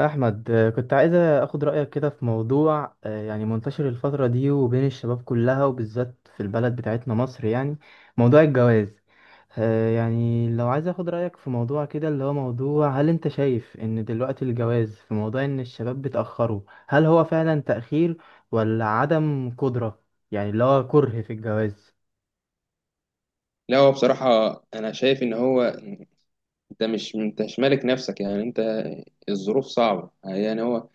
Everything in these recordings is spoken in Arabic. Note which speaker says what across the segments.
Speaker 1: أحمد، كنت عايز أخد رأيك كده في موضوع، يعني منتشر الفترة دي وبين الشباب كلها وبالذات في البلد بتاعتنا مصر، يعني موضوع الجواز. يعني لو عايز أخد رأيك في موضوع كده، اللي هو موضوع هل أنت شايف إن دلوقتي الجواز في موضوع إن الشباب بتأخره؟ هل هو فعلا تأخير ولا عدم قدرة؟ يعني اللي هو كره في الجواز.
Speaker 2: لا، هو بصراحة أنا شايف إن هو أنت مش مالك نفسك، يعني أنت، الظروف صعبة، يعني هو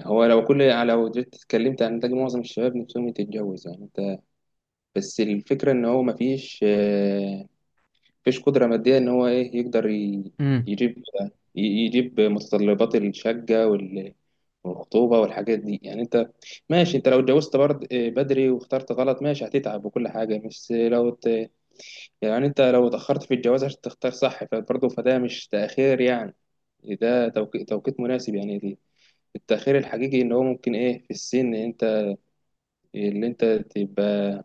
Speaker 2: هو لو جيت اتكلمت عن ده، معظم الشباب نفسهم يتجوز، يعني أنت، بس الفكرة إن هو مفيش قدرة مادية، إن هو إيه يقدر
Speaker 1: امم
Speaker 2: يجيب يجيب متطلبات الشقة والخطوبة والحاجات دي، يعني أنت، ماشي أنت لو اتجوزت برضه بدري واخترت غلط، ماشي هتتعب وكل حاجة، يعني انت لو اتأخرت في الجواز عشان تختار صح فبرضه فده مش تأخير، يعني ده توقيت مناسب، يعني دي، التأخير الحقيقي ان هو ممكن ايه في السن، انت اللي انت تبقى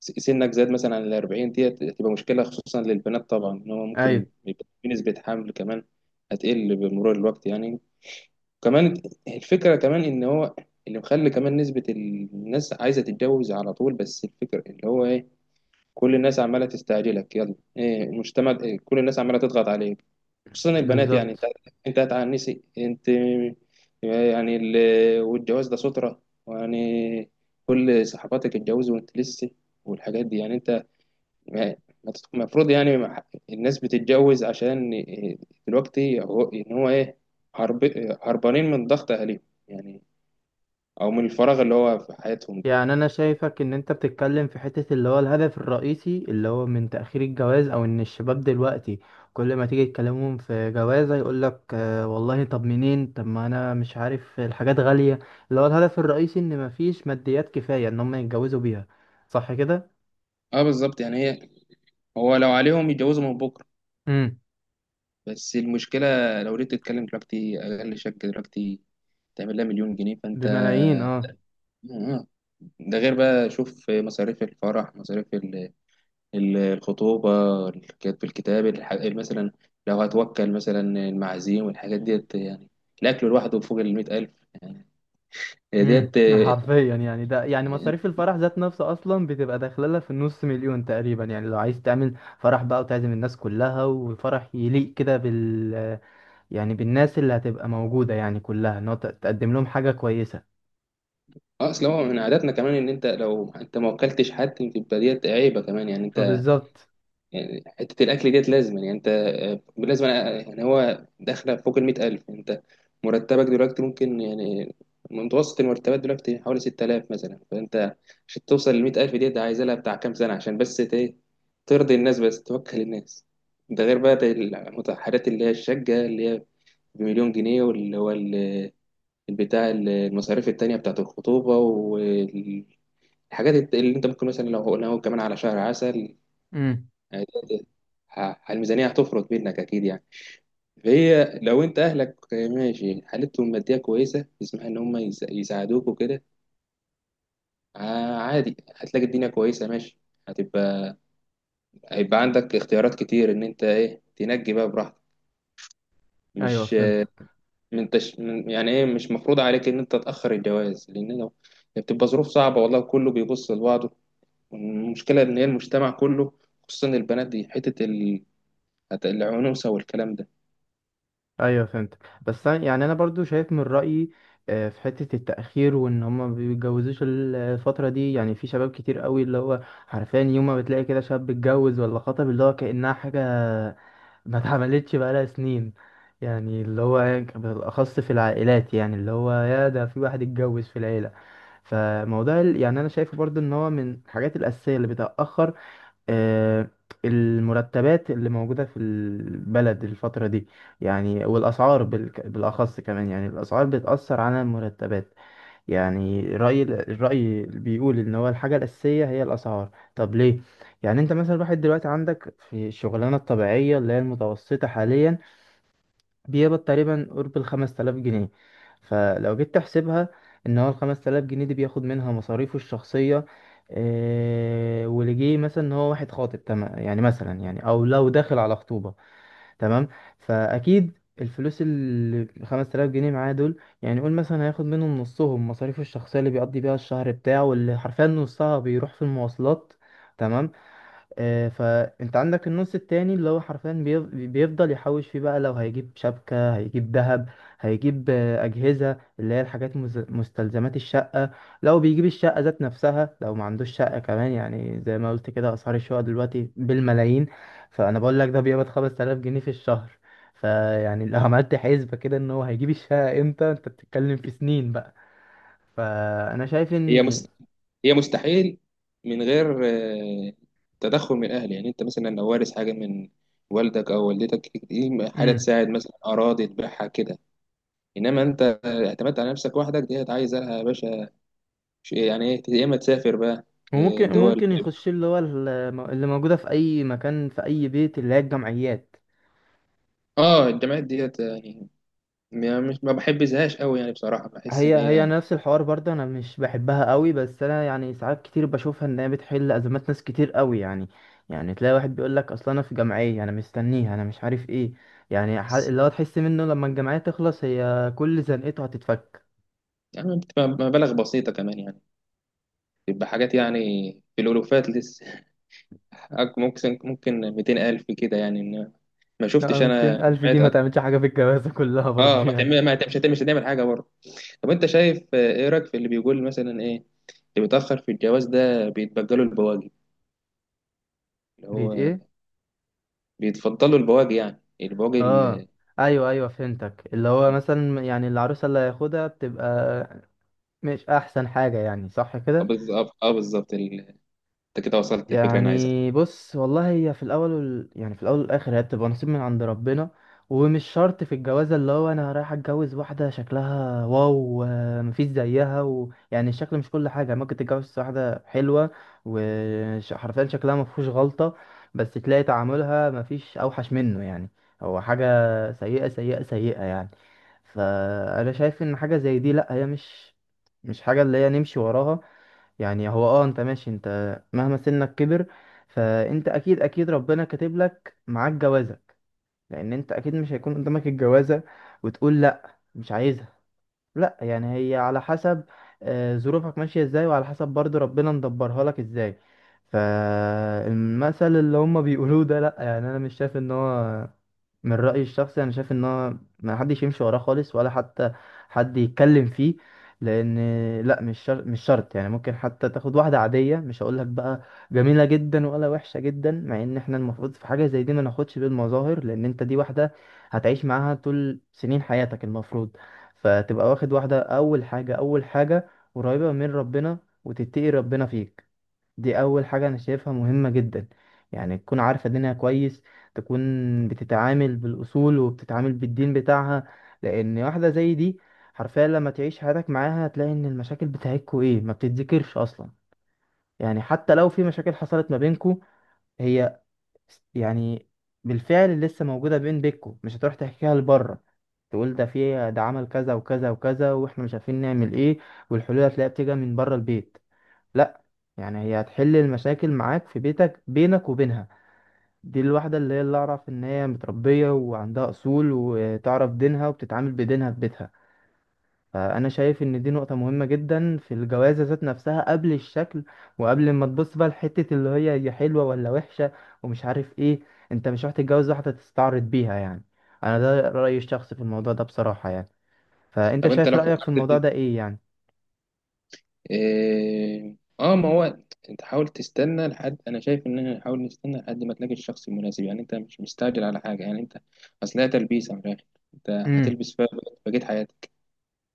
Speaker 2: سنك زاد مثلا عن الأربعين، دي هتبقى مشكلة خصوصا للبنات طبعا، ان هو ممكن
Speaker 1: ايوه،
Speaker 2: يبقى في نسبة حمل كمان هتقل بمرور الوقت، يعني كمان، الفكرة كمان ان هو اللي مخلي كمان نسبة الناس عايزة تتجوز على طول، بس الفكرة اللي هو ايه، كل الناس عماله تستعجلك، يلا ايه المجتمع، إيه، كل الناس عماله تضغط عليك، خصوصا البنات، يعني انت
Speaker 1: بالظبط.
Speaker 2: انت هتعنسي، انت، يعني والجواز ده سترة، يعني كل صحباتك اتجوزوا وانت لسه، والحاجات دي، يعني انت، ما- ما تت- المفروض، يعني ما ح- الناس بتتجوز عشان إيه؟ دلوقتي هو ان هو ايه، هرب... هربانين من ضغط اهاليهم، يعني او من الفراغ اللي هو في حياتهم ده.
Speaker 1: يعني انا شايفك ان انت بتتكلم في حتة اللي هو الهدف الرئيسي اللي هو من تأخير الجواز، او ان الشباب دلوقتي كل ما تيجي تكلمهم في جوازة يقولك آه والله، طب منين؟ طب ما انا مش عارف، الحاجات غالية. اللي هو الهدف الرئيسي ان مفيش ماديات كفاية ان هم يتجوزوا بيها، صح كده؟
Speaker 2: اه بالظبط، يعني هي، هو لو عليهم يتجوزوا من بكره،
Speaker 1: امم
Speaker 2: بس المشكلة، لو ريت تتكلم دلوقتي أقل شركة دلوقتي تعمل لها مليون جنيه، فأنت
Speaker 1: بملايين، اه.
Speaker 2: آه. ده غير بقى شوف مصاريف الفرح، مصاريف الخطوبة، الكتاب مثلا، لو هتوكل مثلا المعازيم والحاجات ديت، يعني الأكل لوحده فوق المئة ألف، يعني هي ديت
Speaker 1: حرفيا يعني ده، يعني مصاريف الفرح ذات نفسها اصلا بتبقى داخله لها في النص مليون تقريبا. يعني لو عايز تعمل فرح بقى وتعزم الناس كلها وفرح يليق كده بال، يعني بالناس اللي هتبقى موجودة يعني كلها، ان هو تقدم لهم حاجة كويسة.
Speaker 2: أصلا هو من عاداتنا كمان إن أنت، لو أنت ما وكلتش حد يبقى ديت عيبة كمان، يعني
Speaker 1: بالظبط.
Speaker 2: يعني حتة الأكل ديت لازم، يعني أنت يعني هو داخلة فوق المئة ألف، أنت مرتبك دلوقتي ممكن، يعني متوسط المرتبات دلوقتي حوالي ستة آلاف مثلا، فأنت عشان توصل للمئة ألف ديت عايز لها بتاع كام سنة عشان ترضي الناس، بس توكل الناس، ده غير بقى المتحرات اللي هي الشقة، اللي هي بمليون جنيه، واللي هو البتاع المصاريف التانية بتاعة الخطوبة والحاجات، اللي أنت ممكن مثلا لو قلنا هو كمان على شهر عسل،
Speaker 1: امم
Speaker 2: يعني الميزانية هتفرط منك أكيد، يعني فهي لو أنت أهلك ماشي حالتهم المادية كويسة يسمح إن هم يساعدوك وكده، عادي هتلاقي الدنيا كويسة ماشي، هتبقى هيبقى عندك اختيارات كتير إن أنت إيه تنجي بقى براحتك،
Speaker 1: ايوه،
Speaker 2: مش
Speaker 1: فهمتك.
Speaker 2: من تش... من يعني إيه، مش مفروض عليك إن أنت تأخر الجواز، لأن لو بتبقى ظروف صعبة، والله كله بيبص لبعضه، والمشكلة إن هي المجتمع كله، خصوصا البنات، دي حتة العنوسة والكلام ده.
Speaker 1: ايوه فهمتك. يعني انا برضو شايف من رأيي، في حتة التأخير وان هما ما بيتجوزوش الفترة دي. يعني في شباب كتير قوي اللي هو حرفيا، يوم ما بتلاقي كده شاب اتجوز ولا خطب اللي هو كأنها حاجة ما اتعملتش بقالها سنين. يعني اللي هو بالأخص في العائلات، يعني اللي هو يا ده في واحد اتجوز في العيلة. فموضوع يعني أنا شايفه برضو إن هو من الحاجات الأساسية اللي بتأخر، آه، المرتبات اللي موجودة في البلد الفترة دي. يعني والأسعار بالأخص كمان، يعني الأسعار بتأثر على المرتبات. يعني الرأي اللي بيقول إن هو الحاجة الأساسية هي الأسعار، طب ليه؟ يعني أنت مثلا الواحد دلوقتي عندك في الشغلانة الطبيعية اللي هي المتوسطة حاليا بيقبض تقريبا قرب الخمس تلاف جنيه. فلو جيت تحسبها، إن هو الخمس تلاف جنيه دي بياخد منها مصاريفه الشخصية. واللي جه مثلا إن هو واحد خاطب، تمام؟ يعني مثلا، يعني أو لو داخل على خطوبة، تمام. فاكيد الفلوس ال 5000 جنيه معاه دول، يعني قول مثلا هياخد منهم نصهم مصاريفه الشخصيه اللي بيقضي بيها الشهر بتاعه، واللي حرفيا نصها بيروح في المواصلات، تمام. فانت عندك النص التاني اللي هو حرفيا بيفضل يحوش فيه بقى. لو هيجيب شبكة، هيجيب ذهب، هيجيب أجهزة اللي هي الحاجات مستلزمات الشقة، لو بيجيب الشقة ذات نفسها، لو ما عندوش شقة كمان. يعني زي ما قلت كده، أسعار الشقة دلوقتي بالملايين، فأنا بقول لك ده بيقبض 5000 جنيه في الشهر. فيعني لو عملت حسبة كده إن هو هيجيب الشقة إمتى، أنت بتتكلم في سنين بقى. فأنا شايف إن،
Speaker 2: هي مست... هي مستحيل من غير آه، تدخل من الاهل، يعني انت مثلا لو وارث حاجه من والدك او والدتك دي حاجه تساعد، مثلا اراضي تبيعها كده، انما انت اعتمدت على نفسك وحدك دي عايزه لها يا باشا، يعني ايه، يا اما تسافر بقى.
Speaker 1: وممكن
Speaker 2: دول،
Speaker 1: يخش اللي هو اللي موجودة في أي مكان في أي بيت اللي هي الجمعيات.
Speaker 2: اه الجامعات ديت، يعني مش ما بحبذهاش قوي، يعني بصراحه بحس ان
Speaker 1: هي
Speaker 2: هي،
Speaker 1: نفس الحوار برضه، أنا مش بحبها قوي، بس أنا يعني ساعات كتير بشوفها إن هي بتحل أزمات ناس كتير قوي يعني. يعني تلاقي واحد بيقول لك أصل أنا في جمعية أنا مستنيها أنا مش عارف إيه. يعني اللي هو تحس منه لما الجمعية تخلص هي كل زنقته هتتفك.
Speaker 2: يعني بتبقى مبالغ بسيطه كمان، يعني بتبقى حاجات يعني في الالوفات، ممكن 200,000 كده، يعني إن ما شفتش
Speaker 1: 200
Speaker 2: أنا
Speaker 1: ألف دي
Speaker 2: جمعيات
Speaker 1: ما تعملش حاجة في الجوازة كلها برضه
Speaker 2: ما
Speaker 1: يعني.
Speaker 2: تعمل ما تعمل- مش هتعمل حاجة برضه. طب أنت شايف، إيه رأيك في اللي بيقول مثلا إيه، اللي بيتأخر في الجواز ده بيتبجلوا البواجي، اللي
Speaker 1: بيت
Speaker 2: هو
Speaker 1: إيه؟
Speaker 2: بيتفضلوا البواجي، يعني البواجي،
Speaker 1: آه، ايوه ايوه فهمتك. اللي هو مثلا يعني العروسه اللي هياخدها بتبقى مش احسن حاجه، يعني صح
Speaker 2: آه،
Speaker 1: كده؟
Speaker 2: بالظبط، آه بالظبط، أنت كده وصلت الفكرة اللي أنا عايزها.
Speaker 1: يعني بص والله، هي في الاول وال، يعني في الاول والاخر هي بتبقى نصيب من عند ربنا. ومش شرط في الجوازه اللي هو انا رايح اتجوز واحده شكلها واو، مفيش زيها و، يعني الشكل مش كل حاجه. ممكن تتجوز واحده حلوه وحرفيا شكلها مفيهوش غلطه، بس تلاقي تعاملها مفيش اوحش منه يعني، هو حاجه سيئه سيئه سيئه يعني. فانا شايف ان حاجه زي دي لا، هي مش مش حاجه اللي هي نمشي وراها. يعني هو اه انت ماشي انت، مهما سنك كبر فانت اكيد اكيد ربنا كاتب لك معاك جوازك. لان انت اكيد مش هيكون قدامك الجوازة وتقول لا مش عايزها. لا، يعني هي على حسب ظروفك ماشية ازاي، وعلى حسب برضو ربنا مدبرها لك ازاي. فالمثل اللي هما بيقولوه ده، لا، يعني انا مش شايف ان هو، من رأيي الشخصي أنا شايف إن هو ما حدش يمشي وراه خالص، ولا حتى حد يتكلم فيه. لأن، لأ، مش شرط مش شرط. يعني ممكن حتى تاخد واحدة عادية، مش هقولك بقى جميلة جدا ولا وحشة جدا، مع إن إحنا المفروض في حاجة زي دي ما ناخدش بالمظاهر. لأن أنت دي واحدة هتعيش معاها طول سنين حياتك المفروض. فتبقى واخد واحدة أول حاجة أول حاجة قريبة من ربنا وتتقي ربنا فيك. دي أول حاجة أنا شايفها مهمة جدا. يعني تكون عارفة دينها كويس، تكون بتتعامل بالأصول وبتتعامل بالدين بتاعها. لأن واحدة زي دي حرفيا لما تعيش حياتك معاها هتلاقي إن المشاكل بتاعتكوا إيه، ما بتتذكرش أصلا. يعني حتى لو في مشاكل حصلت ما بينكوا، هي يعني بالفعل لسه موجودة بينكوا، مش هتروح تحكيها لبره تقول ده في ده عمل كذا وكذا وكذا واحنا مش عارفين نعمل ايه، والحلول هتلاقيها بتيجي من بره البيت. لا، يعني هي هتحل المشاكل معاك في بيتك بينك وبينها. دي الواحدة اللي هي اللي أعرف إن هي متربية وعندها أصول وتعرف دينها وبتتعامل بدينها في بيتها. فأنا شايف إن دي نقطة مهمة جدا في الجوازة ذات نفسها، قبل الشكل وقبل ما تبص بقى لحتة اللي هي هي حلوة ولا وحشة ومش عارف إيه. أنت مش رايح تتجوز واحدة تستعرض بيها يعني. أنا ده رأيي الشخصي في الموضوع ده بصراحة يعني. فأنت
Speaker 2: طب أنت
Speaker 1: شايف
Speaker 2: لو
Speaker 1: رأيك في
Speaker 2: فكرت،
Speaker 1: الموضوع ده إيه يعني؟
Speaker 2: إيه، اه ما هو انت حاول تستنى لحد، انا شايف ان احنا نحاول نستنى لحد ما تلاقي الشخص المناسب، يعني انت مش مستعجل على حاجه، يعني انت، اصل هي تلبيسه من الاخر، انت
Speaker 1: امم
Speaker 2: هتلبس فيها بقيت حياتك،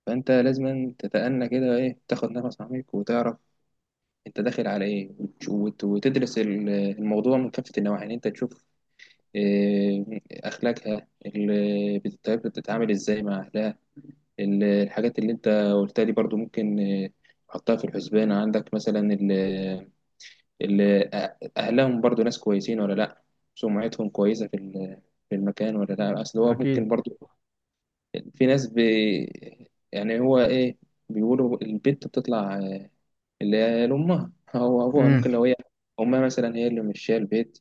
Speaker 2: فانت لازم تتأنى كده، ايه، تاخد نفس عميق وتعرف انت داخل على ايه، وتدرس الموضوع من كافه النواحي، يعني انت تشوف إيه، اخلاقها، بتتعامل ازاي مع اهلها، الحاجات اللي انت قلتها دي برضو، ممكن حطها في الحسبان عندك مثلا، اللي أهلهم برضو ناس كويسين ولا لأ، سمعتهم كويسة في المكان ولا لأ، أصل هو ممكن
Speaker 1: اكيد.
Speaker 2: برضو في ناس يعني هو إيه بيقولوا البنت بتطلع اللي هي لأمها، هو أبوها ممكن،
Speaker 1: امم
Speaker 2: لو هي أمها مثلا هي اللي مشية البيت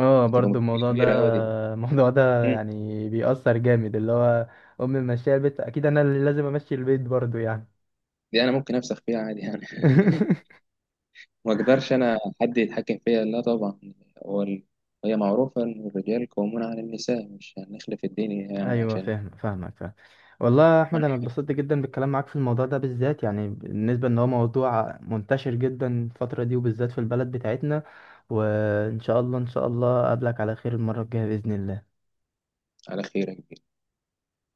Speaker 1: اه،
Speaker 2: هتبقى
Speaker 1: برضو
Speaker 2: مشكلة
Speaker 1: الموضوع ده.
Speaker 2: كبيرة أوي دي.
Speaker 1: الموضوع ده
Speaker 2: مم.
Speaker 1: يعني بيأثر جامد، اللي هو امي ماشيه البيت اكيد انا اللي لازم امشي البيت برضو يعني.
Speaker 2: دي أنا ممكن أفسخ فيها عادي، يعني ما أقدرش أنا حد يتحكم فيا، لا طبعا. هو ال- هي معروفة إن الرجال قوامون على النساء، مش هنخلف الدين يعني
Speaker 1: ايوه،
Speaker 2: عشان،
Speaker 1: فاهم فاهمك فاهم. والله يا احمد انا اتبسطت جدا بالكلام معاك في الموضوع ده بالذات، يعني بالنسبه ان هو موضوع منتشر جدا الفتره دي وبالذات في البلد بتاعتنا. وان شاء الله ان شاء الله اقابلك على خير المره الجايه باذن الله.
Speaker 2: على خير يا كبير.